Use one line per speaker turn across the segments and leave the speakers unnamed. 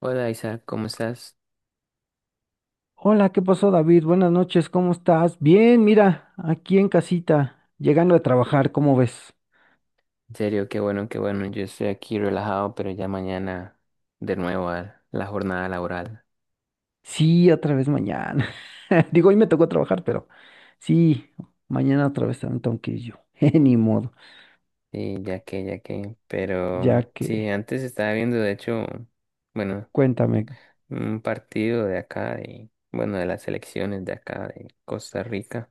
Hola Isa, ¿cómo estás?
Hola, ¿qué pasó, David? Buenas noches, ¿cómo estás? Bien, mira, aquí en casita, llegando a trabajar, ¿cómo ves?
En serio, qué bueno, qué bueno. Yo estoy aquí relajado, pero ya mañana de nuevo a la jornada laboral.
Sí, otra vez mañana. Digo, hoy me tocó trabajar, pero sí, mañana otra vez también tengo que ir yo. Ni modo,
Sí, ya que, ya que.
ya
Pero sí,
que,
antes estaba viendo, de hecho, bueno,
cuéntame,
un partido de acá, bueno, de las selecciones de acá, de Costa Rica.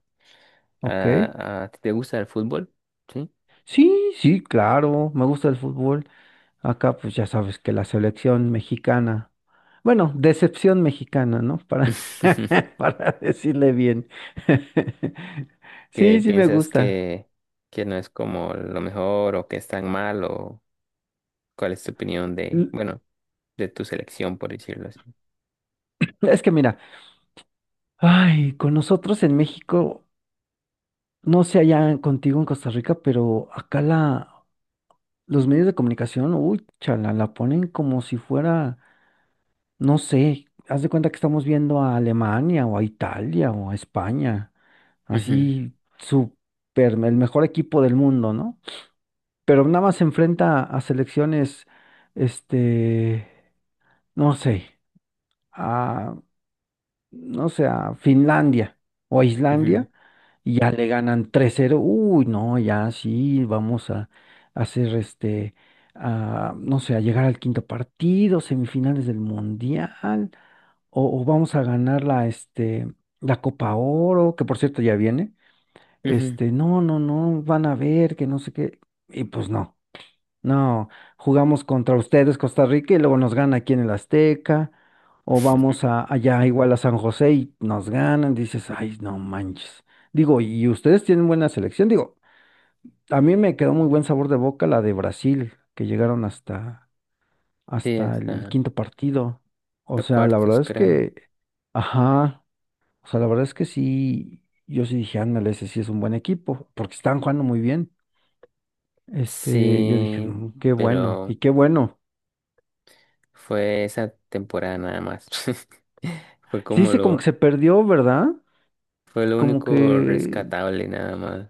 ¿ok?
¿A ti te gusta el fútbol? ¿Sí?
Sí, sí, claro, me gusta el fútbol. Acá, pues ya sabes que la selección mexicana, bueno, decepción mexicana, ¿no? Para, para decirle bien. Sí,
¿Qué
sí me
piensas
gusta.
que no es como lo mejor o que es tan mal o cuál es tu opinión de,
L-
bueno? De tu selección, por decirlo así.
Es que mira, ay, con nosotros en México, no sé allá contigo en Costa Rica, pero acá los medios de comunicación, uy, chala, la ponen como si fuera, no sé, haz de cuenta que estamos viendo a Alemania o a Italia o a España,
Ujú,
así súper, el mejor equipo del mundo, ¿no? Pero nada más se enfrenta a selecciones, este, no sé, a, no sé, a Finlandia o a
ujú,
Islandia, y ya le ganan 3-0. Uy, no, ya sí, vamos a hacer no sé, a llegar al quinto partido, semifinales del Mundial, o vamos a ganar la Copa Oro, que por cierto ya viene.
ujú.
No, no, no, van a ver que no sé qué. Y pues no. No, jugamos contra ustedes, Costa Rica, y luego nos gana aquí en el Azteca, o vamos a, allá igual a San José y nos ganan, dices, ay, no manches. Digo, y ustedes tienen buena selección, digo, a mí me quedó muy buen sabor de boca la de Brasil, que llegaron hasta,
Sí,
hasta el
hasta
quinto partido. O
hasta
sea, la
cuartos,
verdad es
creo.
que, ajá, o sea, la verdad es que sí, yo sí dije, ándale, ese sí es un buen equipo, porque están jugando muy bien. Yo dije,
Sí,
"Mm, qué bueno,
pero
y qué bueno.
fue esa temporada nada más. Fue
Sí,
como
se como que
lo,
se perdió, ¿verdad?
fue lo
Como que
único rescatable nada más,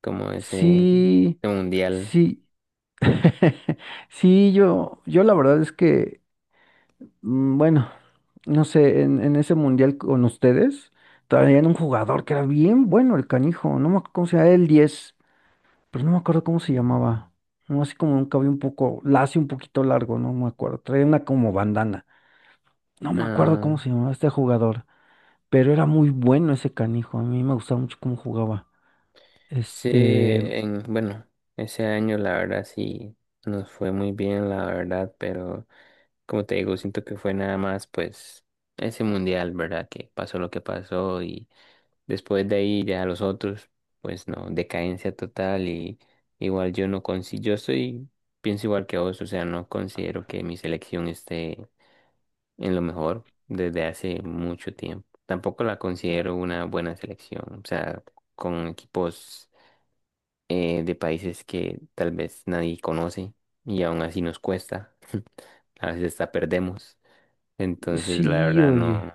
como ese,
sí,
ese mundial.
sí, sí, yo la verdad es que, bueno, no sé, en ese mundial con ustedes, traían un jugador que era bien bueno, el canijo, no me acuerdo cómo se llamaba, el 10, pero no me acuerdo cómo se llamaba, no, así como un cabello un poco lacio, un poquito largo, no me acuerdo, traía una como bandana, no me acuerdo cómo
Ah,
se llamaba este jugador, pero era muy bueno ese canijo, a mí me gustaba mucho cómo jugaba.
sí,
Este,
en, bueno, ese año la verdad sí nos fue muy bien, la verdad, pero como te digo, siento que fue nada más pues ese mundial, ¿verdad? Que pasó lo que pasó y después de ahí ya los otros, pues no, decadencia total. Y igual yo no consigo, yo soy, pienso igual que vos, o sea, no considero que mi selección esté en lo mejor desde hace mucho tiempo. Tampoco la considero una buena selección, o sea, con equipos de países que tal vez nadie conoce y aún así nos cuesta, a veces hasta perdemos. Entonces, la
sí,
verdad
oye.
no,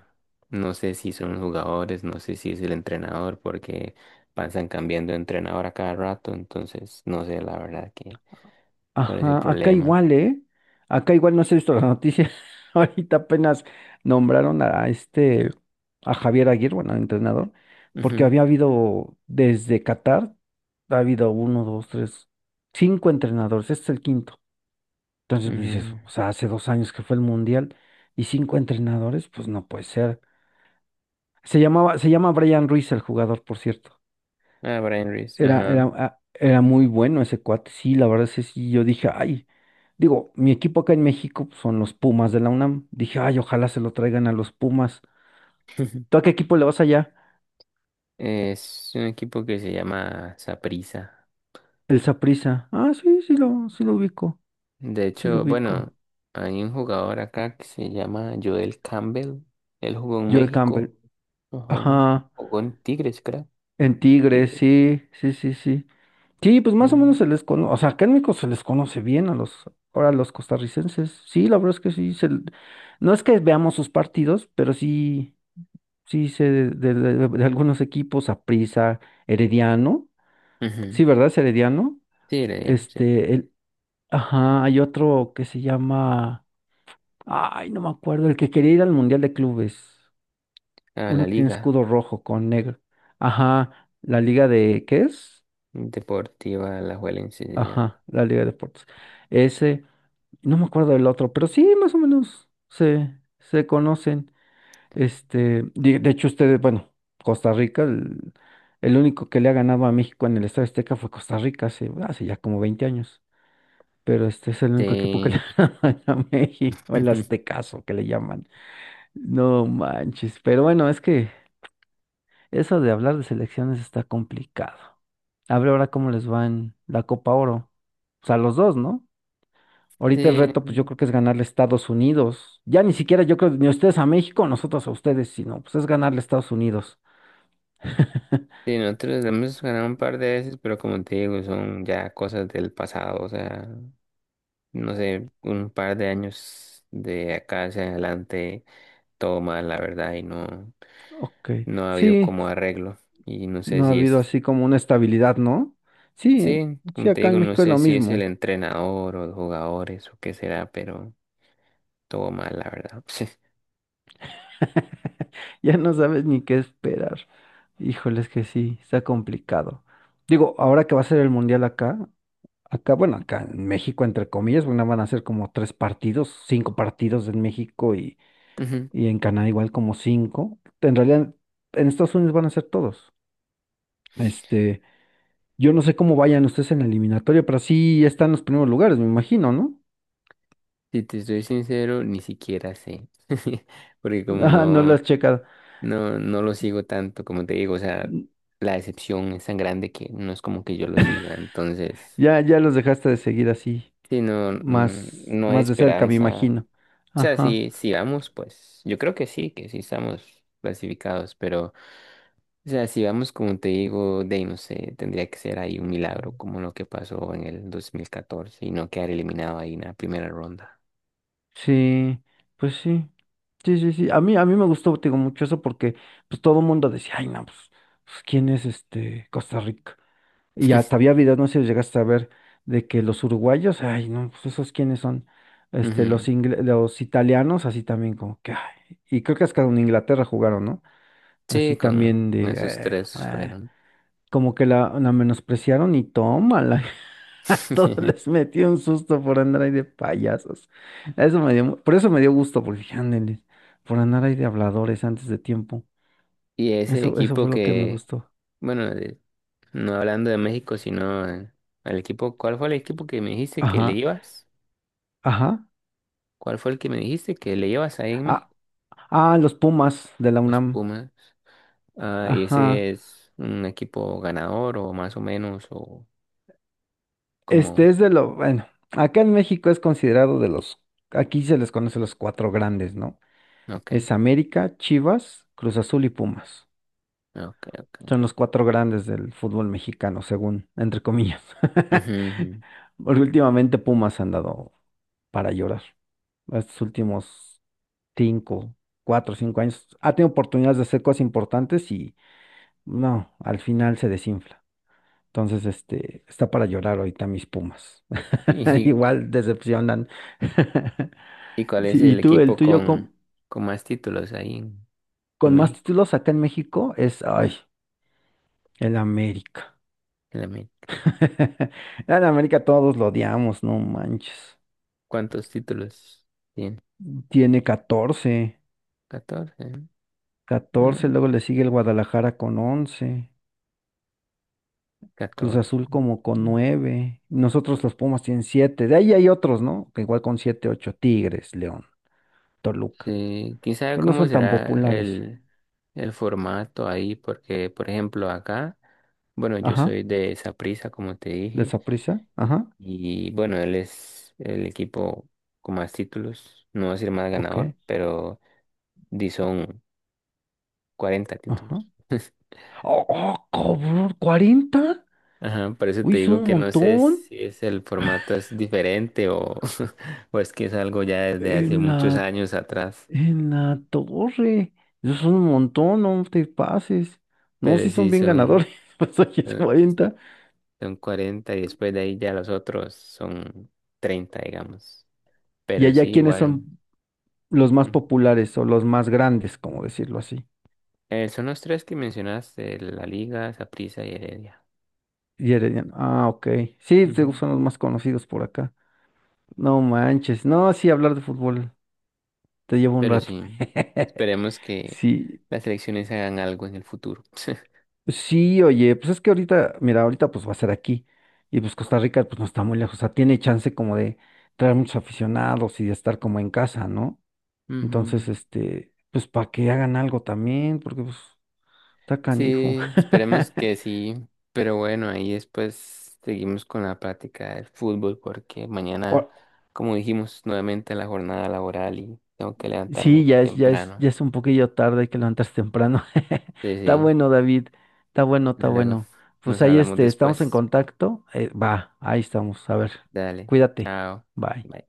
no sé si son los jugadores, no sé si es el entrenador, porque pasan cambiando de entrenador a cada rato, entonces no sé la verdad que cuál es el
Ajá, acá
problema.
igual, ¿eh? Acá igual no se ha visto la noticia. Ahorita apenas nombraron a a Javier Aguirre, bueno, al entrenador, porque había habido desde Qatar, ha habido uno, dos, tres, cinco entrenadores, este es el quinto. Entonces,
Ujú,
pues dices,
ujú.
o sea, hace 2 años que fue el Mundial y cinco entrenadores, pues no puede ser. Se llamaba, se llama Brian Ruiz el jugador, por cierto.
Ah, Brian Reese,
Era, era,
ajá.
ah, era muy bueno ese cuate, sí, la verdad es que sí, yo dije, ay, digo, mi equipo acá en México pues, son los Pumas de la UNAM. Dije, ay, ojalá se lo traigan a los Pumas. ¿Tú a qué equipo le vas allá?
Es un equipo que se llama Saprissa.
El Saprissa. Ah, sí sí lo ubico,
De
sí lo
hecho, bueno,
ubico.
hay un jugador acá que se llama Joel Campbell. Él jugó en
Joel Campbell.
México. Ajá.
Ajá,
Jugó en Tigres, creo.
en Tigres,
Tigres.
sí, sí, sí, sí. Sí, pues más o menos
Mm.
se les conoce, o sea, acá en México se les conoce bien a ahora a los costarricenses. Sí, la verdad es que sí, no es que veamos sus partidos, pero sí. Sí, sé de algunos equipos, Aprisa, Herediano.
Ujú.
Sí, ¿verdad? Es Herediano.
Tigre, Diana, sí.
Este, el, ajá, hay otro que se llama. Ay, no me acuerdo, el que quería ir al Mundial de Clubes.
A
Uno
la
que tiene
Liga
escudo rojo con negro. Ajá, la Liga de. ¿Qué es?
Deportiva Alajuelense se llama.
Ajá, la Liga de Deportes. Ese, no me acuerdo del otro, pero sí, más o menos se conocen. De hecho, ustedes, bueno, Costa Rica, el único que le ha ganado a México en el Estadio Azteca fue Costa Rica hace ya como 20 años. Pero este es el único equipo que le
Sí,
ha ganado a México, el Aztecaso que le llaman. No manches. Pero bueno, es que eso de hablar de selecciones está complicado. A ver ahora cómo les va en la Copa Oro. O sea, los dos, ¿no? Ahorita el
sí,
reto, pues yo creo que es ganarle a Estados Unidos. Ya ni siquiera yo creo ni ustedes a México, nosotros a ustedes, sino pues es ganarle a Estados Unidos.
sí, nosotros hemos ganado un par de veces, pero como te digo, son ya cosas del pasado, o sea, no sé, un par de años de acá hacia adelante, todo mal, la verdad, y no,
Ok,
no ha habido
sí,
como arreglo, y no sé
no ha
si
habido
es,
así como una estabilidad, ¿no? Sí,
sí,
sí,
como te
acá
digo,
en
no
México es
sé
lo
si es el
mismo.
entrenador o los jugadores o qué será, pero todo mal, la verdad.
Ya no sabes ni qué esperar. Híjole, es que sí, está complicado. Digo, ahora que va a ser el mundial acá, acá, bueno, acá en México, entre comillas, bueno, van a ser como tres partidos, cinco partidos en México,
Ujú.
y en Canadá igual como cinco. En realidad, en Estados Unidos van a ser todos. Este, yo no sé cómo vayan ustedes en la eliminatoria, pero sí están en los primeros lugares, me imagino, ¿no?
Si te estoy sincero, ni siquiera sé. Porque como
Ah, no lo
no,
has checado.
no lo sigo tanto, como te digo, o sea, la decepción es tan grande que no es como que yo lo siga. Entonces,
Ya, ya los dejaste de seguir así,
si no, mm,
más,
no hay
más de cerca, me
esperanza.
imagino.
O sea,
Ajá.
si vamos, pues, yo creo que sí estamos clasificados, pero, o sea, si vamos, como te digo, de ahí no sé, tendría que ser ahí un milagro, como lo que pasó en el 2014, y no quedar eliminado ahí en la primera ronda.
Sí, pues sí. Sí, sí, sí. A mí me gustó, te digo, mucho eso porque pues todo el mundo decía, ay, no, pues, ¿quién es este Costa Rica? Y hasta había videos, no sé si llegaste a ver, de que los uruguayos, ay, no, pues esos quiénes son, los italianos, así también como que, ay. Y creo que hasta con Inglaterra jugaron, ¿no?
Sí,
Así
con,
también
con esos tres
eh.
fueron.
Como que la menospreciaron y tómala. A todos les metió un susto por andar ahí de payasos. Eso me dio, mu- Por eso me dio gusto, porque dije, "Ándele, por andar ahí de habladores antes de tiempo.
Y ese
Eso fue
equipo
lo que me
que,
gustó.
bueno, de- no hablando de México, sino el equipo, ¿cuál fue el equipo que me dijiste que le
Ajá,
ibas?
ajá.
¿Cuál fue el que me dijiste que le ibas ahí en
Ah,
México?
ah, los Pumas de la
Los
UNAM.
Pumas. Ah, ¿y
Ajá.
ese es un equipo ganador o más o menos o
Este
como?
es de lo, bueno, acá en México es considerado de los, aquí se les conoce los cuatro grandes, ¿no?
Ok,
Es América, Chivas, Cruz Azul y Pumas.
ok, ok.
Son los cuatro grandes del fútbol mexicano, según, entre comillas.
Ujú, ujú.
Porque últimamente Pumas han dado para llorar. Estos últimos cinco, cuatro, cinco años ha tenido oportunidades de hacer cosas importantes y no, al final se desinfla. Entonces, está para llorar ahorita mis Pumas.
¿Y,
Igual decepcionan.
y cuál
Sí,
es
y
el
tú, el
equipo
tuyo
con más títulos ahí en
con más
México?
títulos acá en México es, ay, el América.
En la América.
En América todos lo odiamos, no manches.
¿Cuántos títulos tiene?
Tiene 14,
Catorce.
14.
Mm,
Luego le sigue el Guadalajara con 11, Cruz
14.
Azul como con
Mm.
9. Nosotros los Pumas tienen 7. De ahí hay otros, ¿no? Que igual con 7, 8. Tigres, León, Toluca,
Sí, quién sabe
pero no
cómo
son tan
será
populares.
el formato ahí, porque, por ejemplo, acá, bueno, yo
Ajá,
soy de Saprissa, como te
de
dije,
Saprissa, ajá,
y bueno, él es el equipo con más títulos, no voy a decir más
ok,
ganador, pero di son 40
ajá.
títulos.
¡Oh, oh, cabrón! ¿40?
Ajá, por eso
Uy,
te
es
digo
un
que no sé
montón.
si es el formato es diferente o, o es que es algo ya desde hace
En
muchos
la
años atrás,
En la torre. Esos son un montón, no te pases. No,
pero
si son
sí
bien ganadores,
son,
pues aquí es
eh,
40.
son 40 y después de ahí ya los otros son 30, digamos,
Y
pero sí
allá, ¿quiénes
igual.
son los más
Ujú.
populares o los más grandes, como decirlo así?
Son los tres que mencionaste, la Liga, Saprissa y Heredia.
Y Herediano. Ah, ok. Sí, te-
Ujú.
son los más conocidos por acá. No manches. No, sí, hablar de fútbol te lleva un
Pero
rato.
sí, esperemos que
Sí,
las elecciones hagan algo en el futuro.
sí, oye, pues es que ahorita, mira, ahorita pues va a ser aquí. Y pues Costa Rica pues no está muy lejos. O sea, tiene chance como de traer muchos aficionados y de estar como en casa, ¿no? Entonces,
Ujú.
pues para que hagan algo también, porque pues está canijo.
Sí, esperemos que sí, pero bueno, ahí después seguimos con la práctica del fútbol porque mañana,
O-
como dijimos, nuevamente la jornada laboral y tengo que
Sí,
levantarme
ya es, ya es,
temprano.
ya es un poquillo tarde, hay que levantarse temprano.
Sí,
Está
sí,
bueno, David. Está bueno, está
luego
bueno. Pues
nos
ahí
hablamos
estamos en
después.
contacto. Va, ahí estamos. A ver,
Dale,
cuídate.
chao.
Bye.
Bye.